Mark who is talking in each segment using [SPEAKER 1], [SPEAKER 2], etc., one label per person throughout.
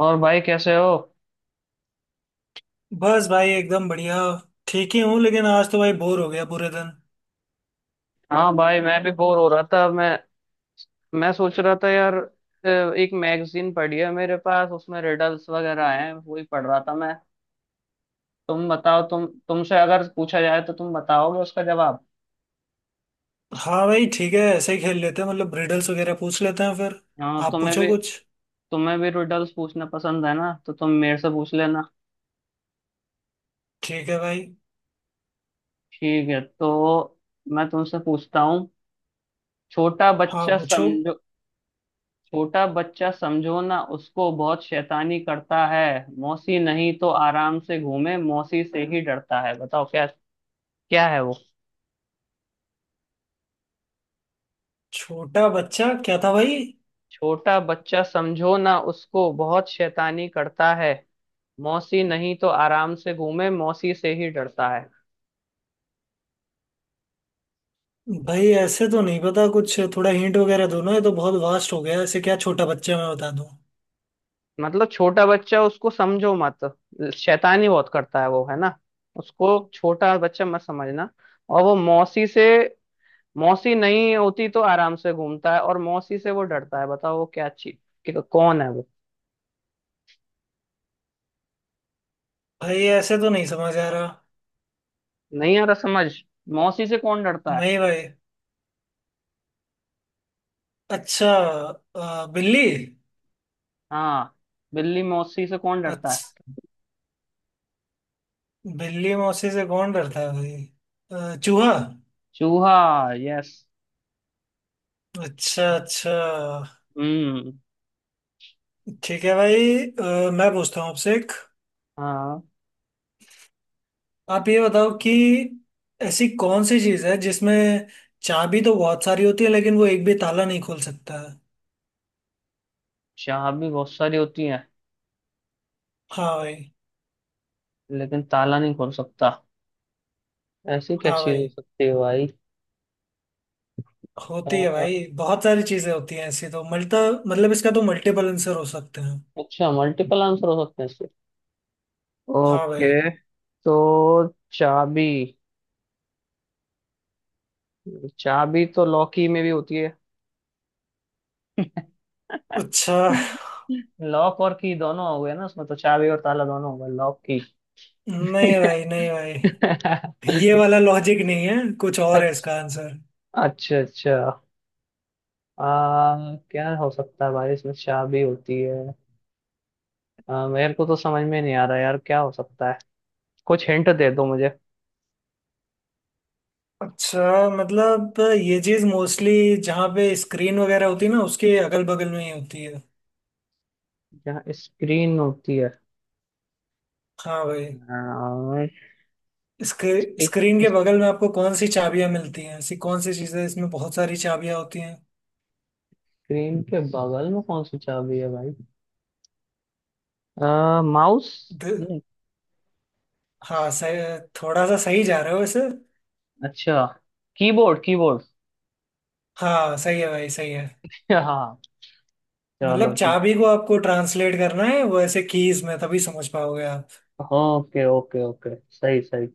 [SPEAKER 1] और भाई कैसे हो।
[SPEAKER 2] बस भाई एकदम बढ़िया। ठीक ही हूँ, लेकिन आज तो भाई बोर हो गया पूरे दिन।
[SPEAKER 1] हाँ भाई, मैं भी बोर हो रहा था। मैं सोच रहा था यार, एक मैगजीन पढ़ी है मेरे पास, उसमें रिडल्स वगैरह हैं, वही पढ़ रहा था मैं। तुम बताओ, तुमसे अगर पूछा जाए तो तुम बताओगे उसका जवाब?
[SPEAKER 2] हाँ भाई, ठीक है, ऐसे ही खेल लेते हैं, मतलब रिडल्स वगैरह पूछ लेते हैं फिर।
[SPEAKER 1] हाँ,
[SPEAKER 2] आप
[SPEAKER 1] तुम्हें
[SPEAKER 2] पूछो
[SPEAKER 1] भी,
[SPEAKER 2] कुछ।
[SPEAKER 1] तुम्हें भी रिडल्स पूछना पसंद है ना, तो तुम मेरे से पूछ लेना।
[SPEAKER 2] ठीक है भाई।
[SPEAKER 1] ठीक है तो मैं तुमसे पूछता हूँ। छोटा
[SPEAKER 2] हाँ,
[SPEAKER 1] बच्चा
[SPEAKER 2] पूछो।
[SPEAKER 1] समझो। छोटा बच्चा समझो ना उसको, बहुत शैतानी करता है। मौसी नहीं तो आराम से घूमे, मौसी से ही डरता है, बताओ क्या, क्या है वो?
[SPEAKER 2] छोटा बच्चा क्या था भाई?
[SPEAKER 1] छोटा बच्चा समझो ना उसको, बहुत शैतानी करता है। मौसी नहीं तो आराम से घूमे, मौसी से ही डरता है।
[SPEAKER 2] भाई ऐसे तो नहीं पता कुछ, थोड़ा हिंट वगैरह दो ना, ये तो बहुत वास्ट हो गया, ऐसे क्या छोटा बच्चा मैं बता दूँ।
[SPEAKER 1] मतलब छोटा बच्चा उसको समझो मत, शैतानी बहुत करता है वो, है ना। उसको छोटा बच्चा मत समझना। और वो मौसी से, मौसी नहीं होती तो आराम से घूमता है, और मौसी से वो डरता है, बताओ वो क्या चीज कि कौन है वो?
[SPEAKER 2] भाई ऐसे तो नहीं समझ आ रहा।
[SPEAKER 1] नहीं आ रहा समझ? मौसी से कौन डरता है?
[SPEAKER 2] नहीं भाई। अच्छा। बिल्ली।
[SPEAKER 1] हाँ, बिल्ली मौसी से कौन डरता है?
[SPEAKER 2] अच्छा, बिल्ली मौसी से कौन डरता है भाई? चूहा।
[SPEAKER 1] चूहा। यस।
[SPEAKER 2] अच्छा अच्छा।
[SPEAKER 1] हम्म।
[SPEAKER 2] ठीक है भाई, मैं पूछता हूँ आपसे एक।
[SPEAKER 1] हाँ।
[SPEAKER 2] आप ये बताओ कि ऐसी कौन सी चीज़ है जिसमें चाबी तो बहुत सारी होती है लेकिन वो एक भी ताला नहीं खोल सकता है।
[SPEAKER 1] चाबी भी बहुत सारी होती है
[SPEAKER 2] हाँ भाई।
[SPEAKER 1] लेकिन ताला नहीं खोल सकता, ऐसी क्या
[SPEAKER 2] हाँ
[SPEAKER 1] चीज हो
[SPEAKER 2] भाई।
[SPEAKER 1] सकती है भाई?
[SPEAKER 2] होती है भाई,
[SPEAKER 1] अ,
[SPEAKER 2] बहुत सारी चीज़ें होती हैं ऐसी तो मल्टा, मतलब इसका तो मल्टीपल आंसर हो सकते हैं।
[SPEAKER 1] अच्छा, मल्टीपल आंसर हो सकते हैं इसके।
[SPEAKER 2] हाँ भाई।
[SPEAKER 1] ओके। तो चाबी, चाबी तो लॉकी में भी होती है।
[SPEAKER 2] अच्छा।
[SPEAKER 1] लॉक और की दोनों हो गए ना उसमें, तो चाबी और ताला दोनों हो गए, लॉक की।
[SPEAKER 2] नहीं भाई, नहीं भाई, ये वाला लॉजिक नहीं है, कुछ और है इसका
[SPEAKER 1] अच्छा,
[SPEAKER 2] आंसर।
[SPEAKER 1] अच्छा अच्छा। क्या हो सकता है भाई, इसमें चाबी होती है। मेरे को तो समझ में नहीं आ रहा यार, क्या हो सकता है? कुछ हिंट दे दो मुझे।
[SPEAKER 2] अच्छा, मतलब ये चीज मोस्टली जहाँ पे स्क्रीन वगैरह होती है ना, उसके अगल बगल में ही होती है।
[SPEAKER 1] यहाँ स्क्रीन होती है?
[SPEAKER 2] हाँ भाई।
[SPEAKER 1] आ,
[SPEAKER 2] स्क्री,
[SPEAKER 1] इस-
[SPEAKER 2] स्क्रीन के बगल में आपको कौन सी चाबियां मिलती हैं, ऐसी कौन सी चीजें, इसमें बहुत सारी चाबियां होती हैं।
[SPEAKER 1] स्क्रीन के बगल में कौन सी चाबी है भाई? माउस?
[SPEAKER 2] द,
[SPEAKER 1] नहीं?
[SPEAKER 2] हाँ सही। थोड़ा सा सही जा रहे हो वैसे।
[SPEAKER 1] अच्छा, कीबोर्ड, कीबोर्ड।
[SPEAKER 2] हाँ सही है भाई, सही है।
[SPEAKER 1] हाँ चलो।
[SPEAKER 2] मतलब चाबी को आपको ट्रांसलेट करना है, वो ऐसे कीज में तभी समझ पाओगे आप।
[SPEAKER 1] ओके ओके ओके, सही सही।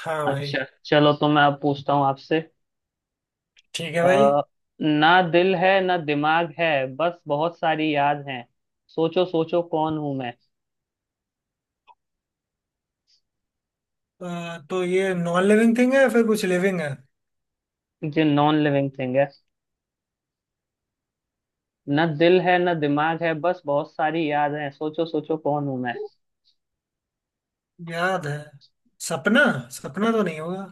[SPEAKER 2] हाँ भाई।
[SPEAKER 1] अच्छा चलो, तो मैं अब पूछता हूँ आपसे।
[SPEAKER 2] ठीक है भाई,
[SPEAKER 1] अ, ना दिल है, ना दिमाग है, बस बहुत सारी याद हैं, सोचो सोचो कौन हूं मैं।
[SPEAKER 2] तो ये नॉन लिविंग थिंग है या फिर कुछ लिविंग है?
[SPEAKER 1] जो नॉन लिविंग थिंग है। ना दिल है ना दिमाग है, बस बहुत सारी याद हैं, सोचो सोचो कौन हूं मैं।
[SPEAKER 2] याद है। सपना। सपना तो नहीं होगा।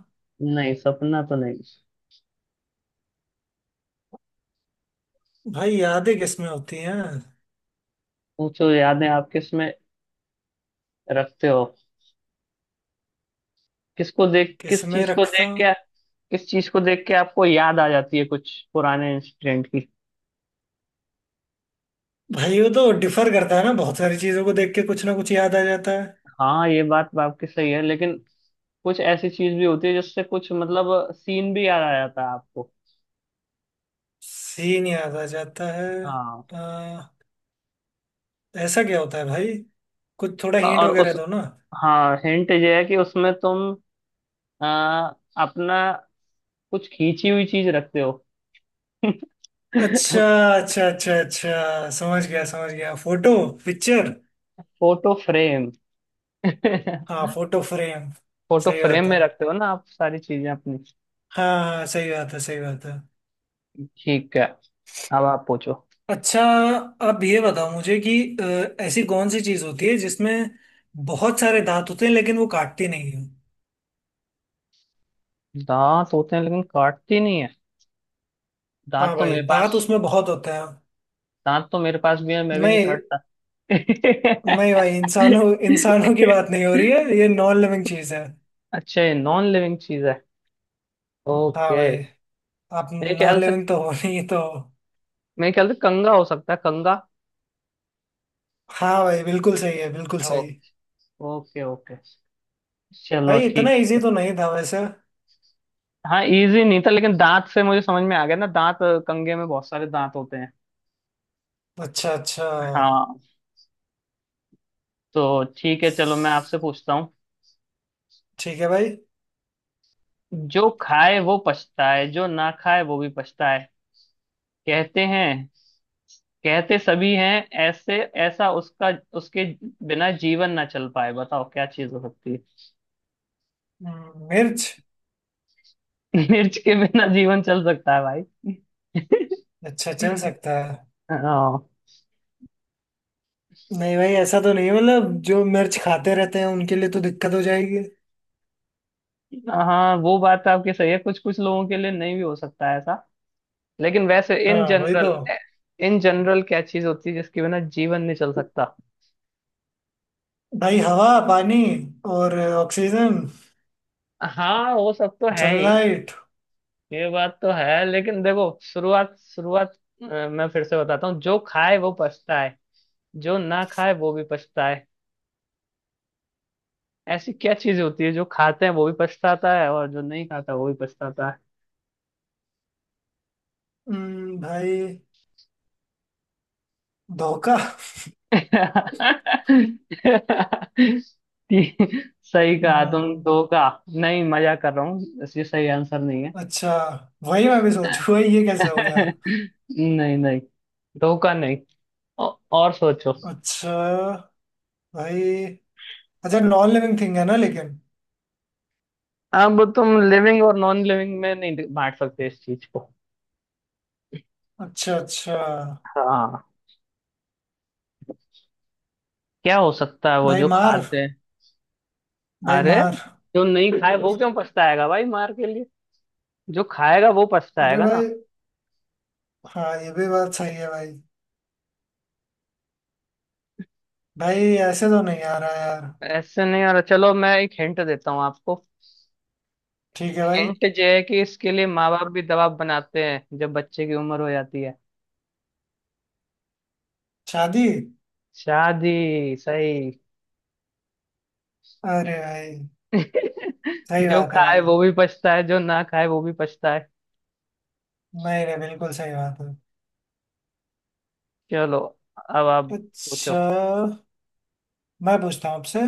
[SPEAKER 1] नहीं, सपना तो नहीं।
[SPEAKER 2] भाई यादें किसमें होती हैं?
[SPEAKER 1] सोचो, यादें आप किस में रखते हो? किसको देख, किस
[SPEAKER 2] किसमें
[SPEAKER 1] चीज को
[SPEAKER 2] रखता।
[SPEAKER 1] देख के, किस चीज को देख के आपको याद आ जाती है कुछ पुराने इंसिडेंट की?
[SPEAKER 2] भाई वो तो डिफर करता है ना, बहुत सारी चीजों को देख के कुछ ना कुछ याद आ जाता है।
[SPEAKER 1] हाँ, ये बात तो आपकी सही है, लेकिन कुछ ऐसी चीज भी होती है जिससे कुछ मतलब सीन भी याद आ जाता है आपको।
[SPEAKER 2] सीन याद आ जाता है।
[SPEAKER 1] हाँ,
[SPEAKER 2] आ, ऐसा क्या होता है भाई? कुछ थोड़ा हिंट
[SPEAKER 1] और
[SPEAKER 2] वगैरह
[SPEAKER 1] उस,
[SPEAKER 2] दो ना।
[SPEAKER 1] हाँ हिंट ये है कि उसमें तुम आ, अपना कुछ खींची हुई चीज रखते हो।
[SPEAKER 2] अच्छा। अच्छा अच्छा अच्छा, समझ गया समझ गया, फोटो। पिक्चर।
[SPEAKER 1] Photo frame.
[SPEAKER 2] हाँ फोटो फ्रेम।
[SPEAKER 1] फोटो
[SPEAKER 2] सही
[SPEAKER 1] फ्रेम
[SPEAKER 2] बात है।
[SPEAKER 1] में रखते हो ना आप सारी चीजें अपनी।
[SPEAKER 2] हाँ हाँ, सही बात है, सही बात है।
[SPEAKER 1] ठीक है, अब आप पूछो।
[SPEAKER 2] अच्छा, अब ये बताओ मुझे कि ऐसी कौन सी चीज होती है जिसमें बहुत सारे दांत होते हैं लेकिन वो काटती नहीं है।
[SPEAKER 1] दांत होते हैं लेकिन काटती नहीं है? दांत
[SPEAKER 2] हाँ
[SPEAKER 1] तो
[SPEAKER 2] भाई,
[SPEAKER 1] मेरे पास,
[SPEAKER 2] दांत उसमें बहुत होते हैं।
[SPEAKER 1] दांत तो मेरे पास भी है, मैं भी नहीं
[SPEAKER 2] नहीं।
[SPEAKER 1] काटता।
[SPEAKER 2] नहीं भाई, इंसानों इंसानों की बात नहीं हो रही है, ये नॉन लिविंग चीज है।
[SPEAKER 1] अच्छा, ये नॉन लिविंग चीज है।
[SPEAKER 2] हाँ
[SPEAKER 1] ओके।
[SPEAKER 2] भाई, आप
[SPEAKER 1] मेरे
[SPEAKER 2] नॉन
[SPEAKER 1] ख्याल से,
[SPEAKER 2] लिविंग तो हो नहीं तो।
[SPEAKER 1] मेरे ख्याल से कंगा हो सकता है, कंगा।
[SPEAKER 2] हाँ भाई, बिल्कुल सही है, बिल्कुल सही।
[SPEAKER 1] Okay okay okay. चलो
[SPEAKER 2] भाई इतना
[SPEAKER 1] ठीक।
[SPEAKER 2] इजी तो नहीं था वैसे।
[SPEAKER 1] हाँ इजी नहीं था, लेकिन दांत से मुझे समझ में आ गया ना, दांत, कंगे में बहुत सारे दांत होते हैं।
[SPEAKER 2] अच्छा अच्छा।
[SPEAKER 1] हाँ। तो ठीक है चलो, मैं आपसे पूछता हूँ।
[SPEAKER 2] ठीक है भाई।
[SPEAKER 1] जो खाए वो पछताए, जो ना खाए वो भी पछताए, कहते हैं, कहते सभी हैं ऐसे। ऐसा उसका, उसके बिना जीवन ना चल पाए, बताओ क्या चीज हो सकती है?
[SPEAKER 2] मिर्च।
[SPEAKER 1] मिर्च के बिना जीवन चल सकता है भाई?
[SPEAKER 2] अच्छा चल सकता है।
[SPEAKER 1] हाँ।
[SPEAKER 2] नहीं भाई ऐसा तो नहीं है, मतलब जो मिर्च खाते रहते हैं उनके लिए तो दिक्कत हो जाएगी।
[SPEAKER 1] हाँ वो बात तो आपकी सही है, कुछ कुछ लोगों के लिए नहीं भी हो सकता है ऐसा। लेकिन वैसे इन
[SPEAKER 2] हाँ वही तो।
[SPEAKER 1] जनरल, इन जनरल क्या चीज होती है जिसके बिना जीवन नहीं चल सकता?
[SPEAKER 2] भाई हवा, पानी, और ऑक्सीजन।
[SPEAKER 1] हाँ, वो सब तो है ही।
[SPEAKER 2] सनलाइट।
[SPEAKER 1] ये बात तो है, लेकिन देखो शुरुआत शुरुआत, मैं फिर से बताता हूँ। जो खाए वो पछता है, जो ना खाए वो भी पछता है। ऐसी क्या चीज होती है जो खाते हैं वो भी पछताता है, और जो नहीं खाता वो भी पछताता?
[SPEAKER 2] भाई धोखा।
[SPEAKER 1] ती- सही कहा, तुम
[SPEAKER 2] हम्म,
[SPEAKER 1] दो का। नहीं, मजा कर रहा हूँ, इसलिए सही आंसर नहीं है।
[SPEAKER 2] अच्छा। वही मैं भी सोचू भाई, ये कैसे हो गया।
[SPEAKER 1] नहीं नहीं, दो का नहीं। और सोचो।
[SPEAKER 2] अच्छा। भाई, अच्छा नॉन लिविंग थिंग है ना लेकिन।
[SPEAKER 1] अब तुम लिविंग और नॉन लिविंग में नहीं बांट सकते इस चीज को।
[SPEAKER 2] अच्छा अच्छा।
[SPEAKER 1] हाँ। क्या हो सकता है वो
[SPEAKER 2] भाई
[SPEAKER 1] जो
[SPEAKER 2] मार।
[SPEAKER 1] खाते हैं?
[SPEAKER 2] भाई
[SPEAKER 1] अरे,
[SPEAKER 2] मार।
[SPEAKER 1] जो नहीं खाए वो क्यों पछताएगा भाई मार के लिए? जो खाएगा वो
[SPEAKER 2] अरे
[SPEAKER 1] पछताएगा ना।
[SPEAKER 2] भाई, हाँ ये भी बात सही है भाई। भाई ऐसे तो नहीं आ रहा यार।
[SPEAKER 1] ऐसे नहीं, अरे चलो मैं एक हिंट देता हूँ आपको।
[SPEAKER 2] ठीक है भाई।
[SPEAKER 1] हिंट जो है कि इसके लिए माँ बाप भी दबाव बनाते हैं जब बच्चे की उम्र हो जाती है।
[SPEAKER 2] शादी।
[SPEAKER 1] शादी, सही।
[SPEAKER 2] अरे भाई। सही
[SPEAKER 1] जो
[SPEAKER 2] बात है
[SPEAKER 1] खाए
[SPEAKER 2] भाई।
[SPEAKER 1] वो भी पछता है, जो ना खाए वो भी पछता है।
[SPEAKER 2] नहीं नहीं, बिल्कुल सही बात है।
[SPEAKER 1] चलो, अब आप पूछो।
[SPEAKER 2] अच्छा। मैं पूछता हूँ आपसे।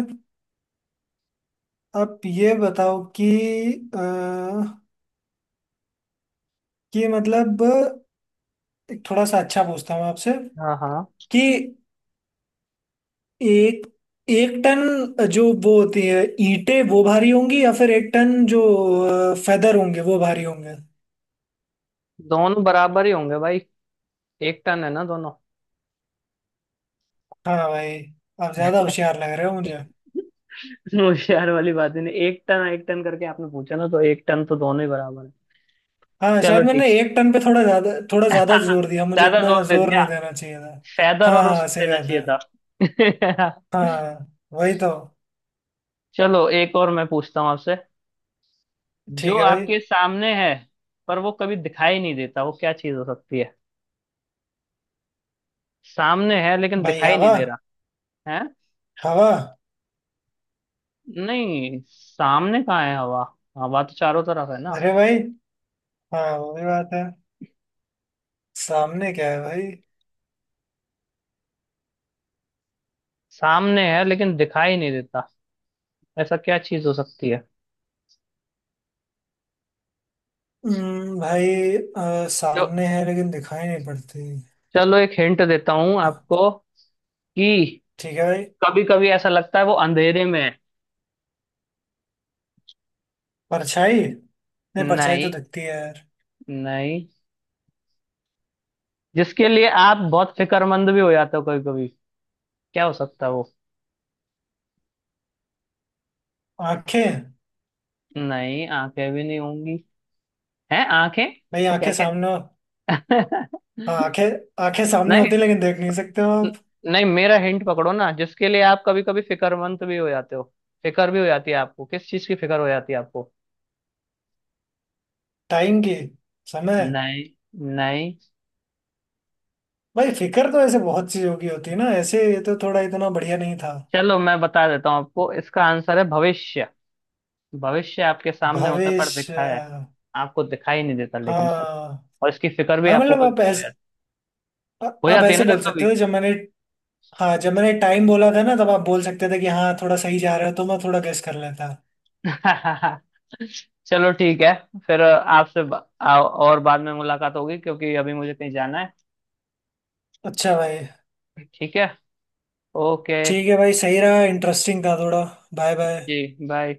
[SPEAKER 2] आप ये बताओ कि अ, कि मतलब एक थोड़ा सा अच्छा पूछता हूँ आपसे
[SPEAKER 1] हाँ हाँ।
[SPEAKER 2] कि एक एक टन जो वो होती है ईंटें, वो भारी होंगी, या फिर एक टन जो फेदर होंगे, वो भारी होंगे?
[SPEAKER 1] दोनों बराबर ही होंगे भाई, एक टन है ना दोनों।
[SPEAKER 2] हाँ भाई। आप ज्यादा होशियार लग रहे हो मुझे।
[SPEAKER 1] होशियार वाली बात ही नहीं, एक टन एक टन करके आपने पूछा ना, तो एक टन तो दोनों ही बराबर है।
[SPEAKER 2] हाँ
[SPEAKER 1] चलो
[SPEAKER 2] शायद मैंने
[SPEAKER 1] ठीक,
[SPEAKER 2] एक टन पे थोड़ा ज्यादा जोर दिया, मुझे
[SPEAKER 1] ज्यादा
[SPEAKER 2] इतना
[SPEAKER 1] जोर दे
[SPEAKER 2] जोर
[SPEAKER 1] दिया,
[SPEAKER 2] नहीं देना चाहिए था।
[SPEAKER 1] फेदर
[SPEAKER 2] हाँ
[SPEAKER 1] और उस
[SPEAKER 2] हाँ,
[SPEAKER 1] पे
[SPEAKER 2] सही
[SPEAKER 1] देना
[SPEAKER 2] बात
[SPEAKER 1] चाहिए
[SPEAKER 2] है।
[SPEAKER 1] था।
[SPEAKER 2] हाँ, वही तो।
[SPEAKER 1] चलो एक और मैं पूछता हूँ आपसे। जो
[SPEAKER 2] ठीक है भाई।
[SPEAKER 1] आपके सामने है पर वो कभी दिखाई नहीं देता, वो क्या चीज हो सकती है? सामने है लेकिन
[SPEAKER 2] भाई
[SPEAKER 1] दिखाई नहीं
[SPEAKER 2] हवा।
[SPEAKER 1] दे रहा है।
[SPEAKER 2] हवा।
[SPEAKER 1] नहीं, सामने कहाँ है हवा? हवा तो चारों तरफ है ना।
[SPEAKER 2] अरे भाई, हाँ वो भी बात है। सामने क्या है भाई?
[SPEAKER 1] सामने है लेकिन दिखाई नहीं देता, ऐसा क्या चीज हो सकती है?
[SPEAKER 2] भाई,
[SPEAKER 1] जो,
[SPEAKER 2] सामने है लेकिन दिखाई नहीं पड़ती।
[SPEAKER 1] चलो एक हिंट देता हूँ
[SPEAKER 2] अ,
[SPEAKER 1] आपको, कि
[SPEAKER 2] ठीक है भाई।
[SPEAKER 1] कभी कभी ऐसा लगता है वो अंधेरे में है।
[SPEAKER 2] परछाई। नहीं परछाई तो
[SPEAKER 1] नहीं,
[SPEAKER 2] दिखती है यार।
[SPEAKER 1] नहीं। जिसके लिए आप बहुत फिक्रमंद भी हो जाते हो कभी कभी, क्या हो सकता है वो?
[SPEAKER 2] आंखें।
[SPEAKER 1] नहीं, आंखें भी नहीं होंगी। हैं आंखें?
[SPEAKER 2] भाई
[SPEAKER 1] क्या।
[SPEAKER 2] आंखें सामने हो- हाँ आंखें। आंखें सामने
[SPEAKER 1] नहीं
[SPEAKER 2] होती है लेकिन देख नहीं सकते हो
[SPEAKER 1] न-
[SPEAKER 2] आप।
[SPEAKER 1] नहीं मेरा हिंट पकड़ो ना, जिसके लिए आप कभी कभी फिक्रमंद भी हो जाते हो, फिकर भी हो जाती है आपको, किस चीज की फिक्र हो जाती है आपको?
[SPEAKER 2] टाइम की। समय।
[SPEAKER 1] नहीं, नहीं।
[SPEAKER 2] भाई फिक्र तो ऐसे बहुत चीजों की होती है ना ऐसे, ये तो थोड़ा इतना बढ़िया नहीं था।
[SPEAKER 1] चलो मैं बता देता हूँ आपको, इसका आंसर है भविष्य। भविष्य आपके सामने होता है
[SPEAKER 2] भावेश
[SPEAKER 1] पर दिखाया है, आपको दिखाई नहीं देता, लेकिन
[SPEAKER 2] हाँ।
[SPEAKER 1] और इसकी फिक्र भी
[SPEAKER 2] हाँ
[SPEAKER 1] आपको
[SPEAKER 2] मतलब
[SPEAKER 1] कभी कभी हो जाती, हो
[SPEAKER 2] आप
[SPEAKER 1] जाती है
[SPEAKER 2] ऐसे
[SPEAKER 1] ना
[SPEAKER 2] बोल
[SPEAKER 1] कभी
[SPEAKER 2] सकते थे जब मैंने, हाँ जब मैंने टाइम बोला था ना, तब आप बोल सकते थे कि हाँ थोड़ा सही जा रहा है, तो मैं थोड़ा गेस कर लेता।
[SPEAKER 1] कभी। चलो ठीक है, फिर आपसे और बाद में मुलाकात होगी, क्योंकि अभी मुझे कहीं जाना है।
[SPEAKER 2] अच्छा भाई।
[SPEAKER 1] ठीक है। ओके।
[SPEAKER 2] ठीक है भाई, सही रहा, इंटरेस्टिंग था थोड़ा। Bye bye.
[SPEAKER 1] जी बाय।